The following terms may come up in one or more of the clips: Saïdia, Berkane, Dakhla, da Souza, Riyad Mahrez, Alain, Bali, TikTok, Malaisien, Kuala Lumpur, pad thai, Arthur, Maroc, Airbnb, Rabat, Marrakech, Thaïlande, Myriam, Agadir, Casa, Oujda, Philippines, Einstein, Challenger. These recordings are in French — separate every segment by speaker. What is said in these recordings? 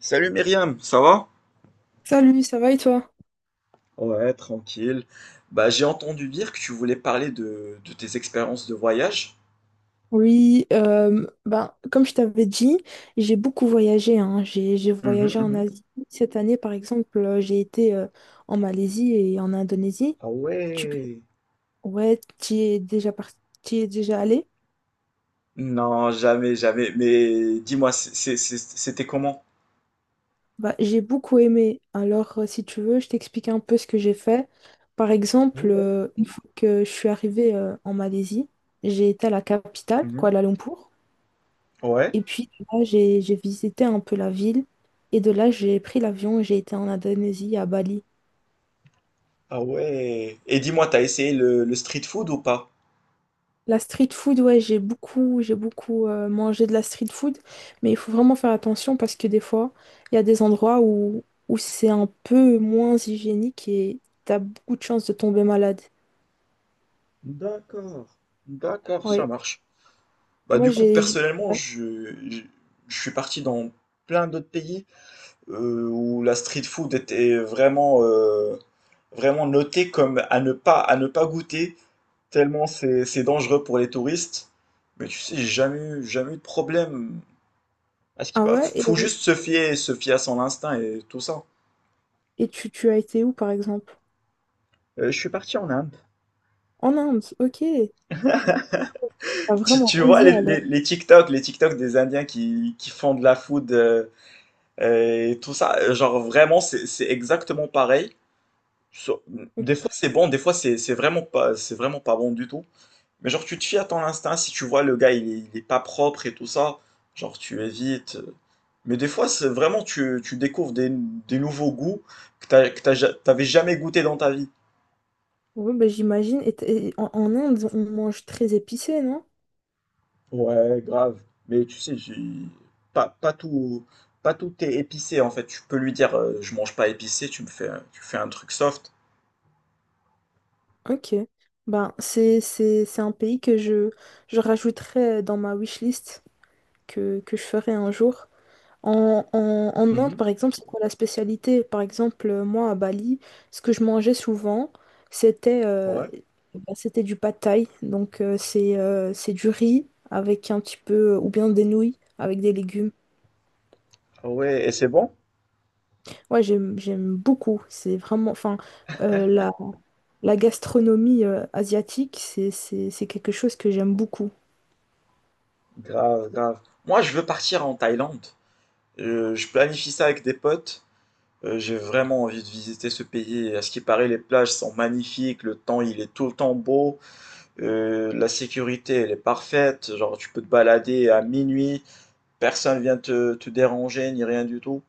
Speaker 1: Salut Myriam, ça va?
Speaker 2: Salut, ça va et toi?
Speaker 1: Ouais, tranquille. Bah, j'ai entendu dire que tu voulais parler de tes expériences de voyage.
Speaker 2: Oui, ben, comme je t'avais dit, j'ai beaucoup voyagé. Hein. J'ai
Speaker 1: Mhm,
Speaker 2: voyagé en
Speaker 1: mhm.
Speaker 2: Asie. Cette année, par exemple, j'ai été en Malaisie et en Indonésie.
Speaker 1: Ah
Speaker 2: Tu,
Speaker 1: ouais.
Speaker 2: ouais, tu y es déjà parti, tu y es déjà allé?
Speaker 1: Non, jamais, jamais. Mais dis-moi, c'était comment?
Speaker 2: Bah, j'ai beaucoup aimé. Alors, si tu veux, je t'explique un peu ce que j'ai fait. Par exemple,
Speaker 1: Ouais.
Speaker 2: une fois que je suis arrivée en Malaisie, j'ai été à la capitale,
Speaker 1: Mhm.
Speaker 2: Kuala Lumpur.
Speaker 1: Ouais.
Speaker 2: Et puis de là, j'ai visité un peu la ville. Et de là, j'ai pris l'avion et j'ai été en Indonésie, à Bali.
Speaker 1: Ah ouais. Et dis-moi, t'as essayé le street food ou pas?
Speaker 2: La street food, ouais, j'ai beaucoup mangé de la street food. Mais il faut vraiment faire attention parce que des fois, il y a des endroits où c'est un peu moins hygiénique et t'as beaucoup de chances de tomber malade.
Speaker 1: D'accord. D'accord, ça
Speaker 2: Ouais.
Speaker 1: marche. Bah
Speaker 2: Moi,
Speaker 1: du coup,
Speaker 2: j'ai... j'ai-
Speaker 1: personnellement, je suis parti dans plein d'autres pays, où la street food était vraiment, vraiment notée comme à ne pas goûter, tellement c'est dangereux pour les touristes. Mais tu sais, j'ai jamais eu de problème. À ce qui
Speaker 2: Ah ouais?
Speaker 1: faut
Speaker 2: Et,
Speaker 1: juste se fier à son instinct et tout ça.
Speaker 2: et tu as été où, par exemple?
Speaker 1: Je suis parti en Inde.
Speaker 2: En Inde, ok. T'as
Speaker 1: Tu,
Speaker 2: vraiment
Speaker 1: tu vois
Speaker 2: osé
Speaker 1: les, les,
Speaker 2: alors.
Speaker 1: les TikTok, les TikTok des Indiens qui font de la food et tout ça, genre vraiment c'est exactement pareil. Sur- Des fois c'est bon, des fois c'est vraiment pas, c'est vraiment pas bon du tout. Mais genre, tu te fies à ton instinct, si tu vois le gars, il est pas propre et tout ça, genre, tu évites. Mais des fois, c'est vraiment, tu découvres des nouveaux goûts t'avais jamais goûté dans ta vie.
Speaker 2: Oui, bah, j'imagine. Et en Inde, on mange très épicé, non?
Speaker 1: Ouais, grave. Mais tu sais, pas, pas tout, pas tout est épicé, en fait. Tu peux lui dire, je mange pas épicé, tu fais un truc soft.
Speaker 2: Ok. Ben, c'est un pays que je rajouterai dans ma wishlist que je ferai un jour. En Inde,
Speaker 1: Mhm.
Speaker 2: par exemple, c'est quoi la spécialité? Par exemple, moi, à Bali, ce que je mangeais souvent, c'était
Speaker 1: Ouais.
Speaker 2: bah, c'était du pad thai. Donc, c'est du riz avec un petit peu, ou bien des nouilles avec des légumes.
Speaker 1: Ah ouais, et c'est bon?
Speaker 2: Ouais, j'aime beaucoup. C'est vraiment, enfin, la gastronomie asiatique, c'est quelque chose que j'aime beaucoup.
Speaker 1: Grave, grave. Moi, je veux partir en Thaïlande. Je planifie ça avec des potes. J'ai vraiment envie de visiter ce pays. À ce qui paraît, les plages sont magnifiques, le temps il est tout le temps beau, la sécurité elle est parfaite, genre tu peux te balader à minuit, personne vient te déranger ni rien du tout.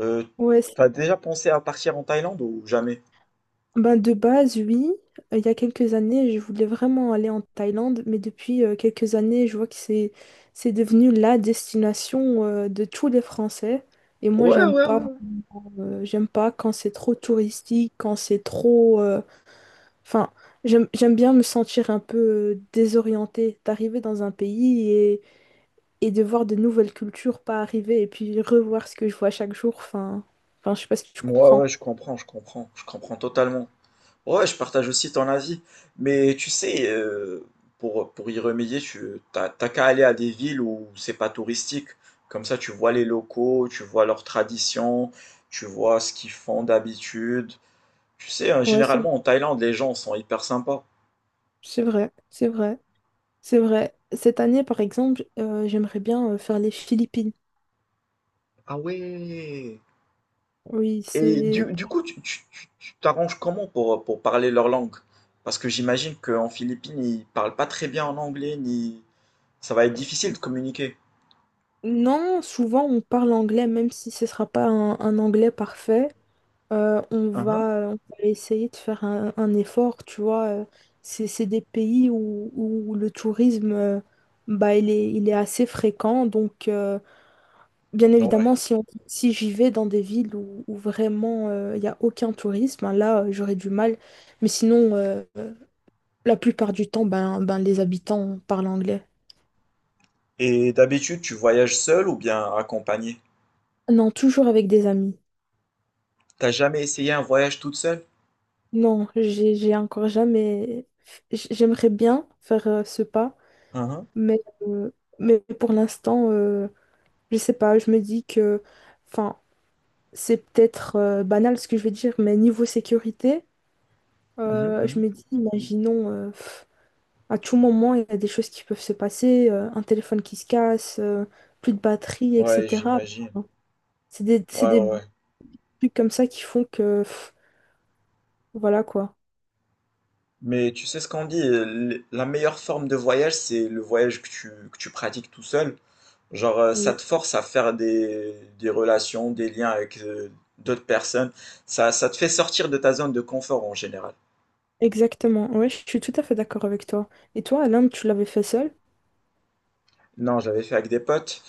Speaker 1: Euh,
Speaker 2: Ouais,
Speaker 1: T'as déjà pensé à partir en Thaïlande ou jamais?
Speaker 2: ben de base, oui. Il y a quelques années, je voulais vraiment aller en Thaïlande, mais depuis quelques années, je vois que c'est devenu la destination de tous les Français. Et moi,
Speaker 1: Ouais,
Speaker 2: j'aime
Speaker 1: ouais,
Speaker 2: pas,
Speaker 1: ouais.
Speaker 2: euh, j'aime pas quand c'est trop touristique, quand c'est trop, enfin, j'aime bien me sentir un peu désorientée, d'arriver dans un pays et de voir de nouvelles cultures pas arriver et puis revoir ce que je vois chaque jour. Enfin, je sais pas si tu
Speaker 1: Ouais, ouais,
Speaker 2: comprends.
Speaker 1: je comprends, je comprends, je comprends totalement. Ouais, je partage aussi ton avis. Mais tu sais, pour y remédier, t'as qu'à aller à des villes où c'est pas touristique. Comme ça, tu vois les locaux, tu vois leurs traditions, tu vois ce qu'ils font d'habitude. Tu sais, hein,
Speaker 2: Ouais, c'est
Speaker 1: généralement en Thaïlande, les gens sont hyper sympas.
Speaker 2: c'est vrai, c'est vrai, c'est vrai. Cette année, par exemple, j'aimerais bien faire les Philippines.
Speaker 1: Ah ouais.
Speaker 2: Oui,
Speaker 1: Et
Speaker 2: c'est
Speaker 1: du coup, tu t'arranges comment pour parler leur langue? Parce que j'imagine qu'en Philippines, ils parlent pas très bien en anglais, ni. Ça va être difficile de communiquer.
Speaker 2: Non, souvent on parle anglais, même si ce sera pas un anglais parfait. On
Speaker 1: Mhm.
Speaker 2: va, on va essayer de faire un effort, tu vois. C'est des pays où le tourisme, bah, il est assez fréquent. Donc, bien
Speaker 1: Ouais.
Speaker 2: évidemment, si j'y vais dans des villes où vraiment il n'y a aucun tourisme, hein, là, j'aurais du mal. Mais sinon, la plupart du temps, ben, les habitants parlent anglais.
Speaker 1: Et d'habitude, tu voyages seul ou bien accompagné?
Speaker 2: Non, toujours avec des amis.
Speaker 1: T'as jamais essayé un voyage toute seule?
Speaker 2: Non, j'ai encore jamais. J'aimerais bien faire ce pas,
Speaker 1: Uhum,
Speaker 2: mais, euh, mais pour l'instant, je sais pas. Je me dis que, enfin, c'est peut-être banal ce que je vais dire, mais niveau sécurité,
Speaker 1: mhm,
Speaker 2: je
Speaker 1: mhm.
Speaker 2: me dis, imaginons, à tout moment, il y a des choses qui peuvent se passer, un téléphone qui se casse, plus de batterie,
Speaker 1: Ouais,
Speaker 2: etc.
Speaker 1: j'imagine.
Speaker 2: C'est des, c'est
Speaker 1: Ouais, ouais,
Speaker 2: des
Speaker 1: ouais.
Speaker 2: trucs comme ça qui font que, voilà quoi.
Speaker 1: Mais tu sais ce qu'on dit, la meilleure forme de voyage, c'est le voyage que tu pratiques tout seul. Genre, ça
Speaker 2: Oui.
Speaker 1: te force à faire des relations, des liens avec d'autres personnes. Ça te fait sortir de ta zone de confort en général.
Speaker 2: Exactement, ouais, je suis tout à fait d'accord avec toi. Et toi, Alain, tu l'avais fait seul?
Speaker 1: Non, je l'avais fait avec des potes,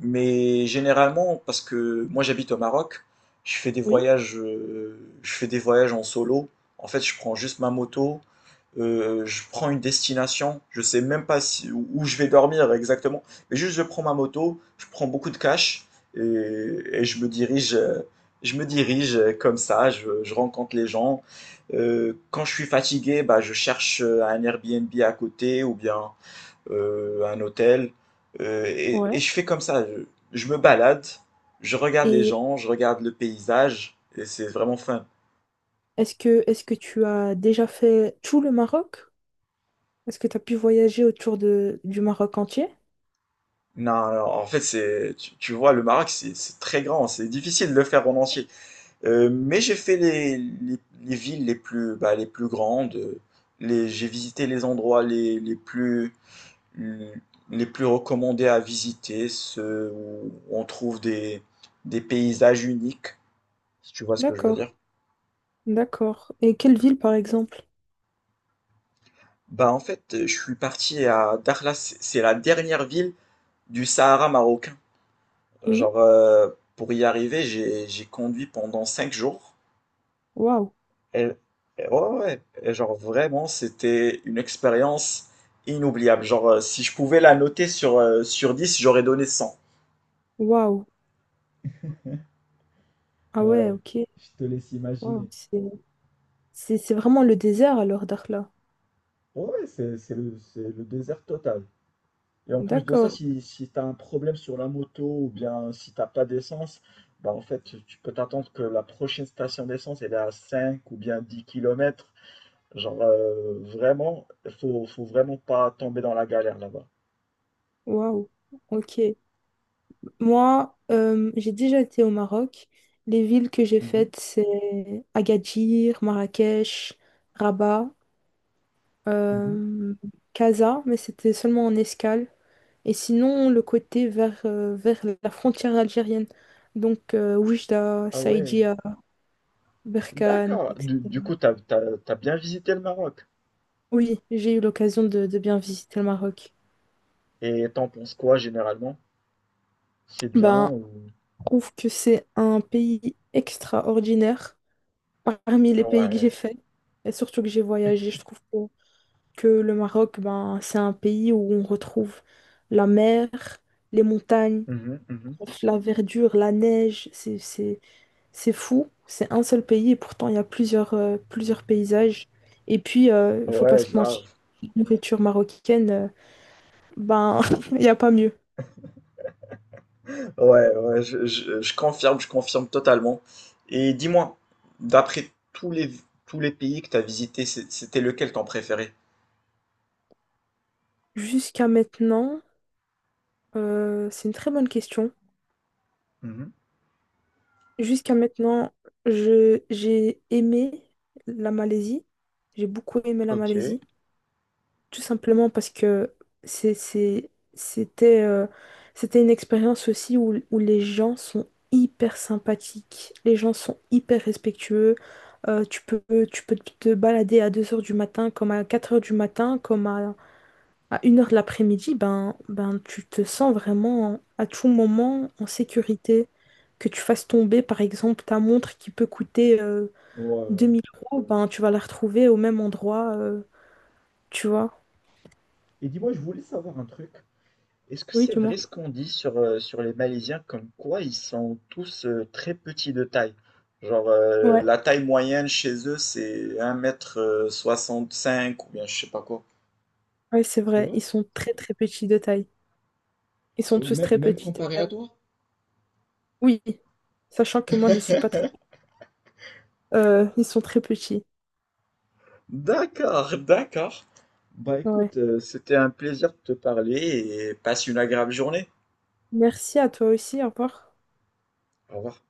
Speaker 1: mais généralement, parce que moi j'habite au Maroc,
Speaker 2: Oui.
Speaker 1: je fais des voyages en solo. En fait, je prends juste ma moto, je prends une destination, je sais même pas où je vais dormir exactement, mais juste je prends ma moto, je prends beaucoup de cash et je me dirige comme ça, je rencontre les gens. Quand je suis fatigué, bah, je cherche un Airbnb à côté ou bien un hôtel, et,
Speaker 2: Ouais.
Speaker 1: et je fais comme ça. Je me balade, je regarde les
Speaker 2: Et
Speaker 1: gens, je regarde le paysage, et c'est vraiment fun.
Speaker 2: est-ce que tu as déjà fait tout le Maroc? Est-ce que tu as pu voyager autour de, du Maroc entier?
Speaker 1: Non, non, en fait, c'est, tu vois, le Maroc, c'est très grand, c'est difficile de le faire en entier. Mais j'ai fait les villes les plus grandes, j'ai visité les endroits les plus recommandés à visiter, ceux où on trouve des paysages uniques, si tu vois ce que je veux dire.
Speaker 2: D'accord, d'accord. Et quelle ville, par exemple?
Speaker 1: Bah en fait, je suis parti à Dakhla, c'est la dernière ville du Sahara marocain.
Speaker 2: Oui.
Speaker 1: Genre, pour y arriver, j'ai conduit pendant 5 jours.
Speaker 2: Waouh,
Speaker 1: Et, et ouais, ouais, ouais. Et genre vraiment, c'était une expérience inoubliable. Genre, si je pouvais la noter sur, sur 10, j'aurais donné 100.
Speaker 2: waouh. Ah ouais,
Speaker 1: Ouais,
Speaker 2: ok.
Speaker 1: je te laisse
Speaker 2: Waouh,
Speaker 1: imaginer.
Speaker 2: c'est vraiment le désert alors, Dakhla.
Speaker 1: Ouais, c'est le désert total. Et en plus de ça,
Speaker 2: D'accord,
Speaker 1: si tu as un problème sur la moto ou bien si t'as pas d'essence, bah en fait, tu peux t'attendre que la prochaine station d'essence, elle est à 5 ou bien 10 kilomètres. Genre, vraiment, faut vraiment pas tomber dans la galère là-bas.
Speaker 2: waouh, ok. Moi, j'ai déjà été au Maroc. Les villes que j'ai
Speaker 1: Mhm,
Speaker 2: faites, c'est Agadir, Marrakech, Rabat,
Speaker 1: mhm.
Speaker 2: euh, Casa, mais c'était seulement en escale. Et sinon, le côté vers la frontière algérienne. Donc, Oujda,
Speaker 1: Ah ouais,
Speaker 2: Saïdia, Berkane,
Speaker 1: d'accord. Du
Speaker 2: etc.
Speaker 1: coup, t'as bien visité le Maroc.
Speaker 2: Oui, j'ai eu l'occasion de bien visiter le Maroc.
Speaker 1: Et t'en penses quoi généralement? C'est bien
Speaker 2: Ben,
Speaker 1: ou.
Speaker 2: je trouve que c'est un pays extraordinaire parmi les pays que j'ai
Speaker 1: Ouais,
Speaker 2: fait et surtout que j'ai voyagé. Je trouve que le Maroc, ben, c'est un pays où on retrouve la mer, les montagnes,
Speaker 1: mhm, mhm.
Speaker 2: la verdure, la neige. C'est fou. C'est un seul pays et pourtant il y a plusieurs paysages. Et puis, il faut pas
Speaker 1: Ouais,
Speaker 2: se mentir,
Speaker 1: grave.
Speaker 2: la nourriture marocaine, ben, il n'y a pas mieux.
Speaker 1: Ouais, ouais, je confirme totalement. Et dis-moi, d'après tous les pays que tu as visités, c'était lequel ton préféré?
Speaker 2: Jusqu'à maintenant, c'est une très bonne question.
Speaker 1: Mhm.
Speaker 2: Jusqu'à maintenant, j'ai aimé la Malaisie. J'ai beaucoup aimé la
Speaker 1: Ok. Ouais,
Speaker 2: Malaisie. Tout simplement parce que c'est, c'est- c'était, euh, c'était une expérience aussi où les gens sont hyper sympathiques, les gens sont hyper respectueux. Euh, tu peux, tu peux te balader à 2 heures du matin, comme à 4 heures du matin, comme à 1 heure de l'après-midi. Ben, tu te sens vraiment à tout moment en sécurité. Que tu fasses tomber, par exemple, ta montre qui peut coûter deux
Speaker 1: ouais.
Speaker 2: mille euros, ben, tu vas la retrouver au même endroit. Tu vois?
Speaker 1: Et dis-moi, je voulais savoir un truc. Est-ce que
Speaker 2: Oui,
Speaker 1: c'est
Speaker 2: tu vois.
Speaker 1: vrai ce qu'on dit sur les Malaisiens, comme quoi ils sont tous très petits de taille? Genre, la taille moyenne chez eux, c'est un mètre 65 ou bien je sais pas quoi.
Speaker 2: Oui, c'est
Speaker 1: C'est
Speaker 2: vrai,
Speaker 1: vrai?
Speaker 2: ils sont très très petits de taille. Ils sont
Speaker 1: Euh,
Speaker 2: tous
Speaker 1: Même,
Speaker 2: très
Speaker 1: même
Speaker 2: petits de
Speaker 1: comparé à
Speaker 2: taille.
Speaker 1: toi?
Speaker 2: Oui, sachant que moi je suis pas très. Ils sont très petits.
Speaker 1: D'accord, d'accord. Bah
Speaker 2: Ouais.
Speaker 1: écoute, c'était un plaisir de te parler et passe une agréable journée.
Speaker 2: Merci à toi aussi, au revoir.
Speaker 1: Au revoir.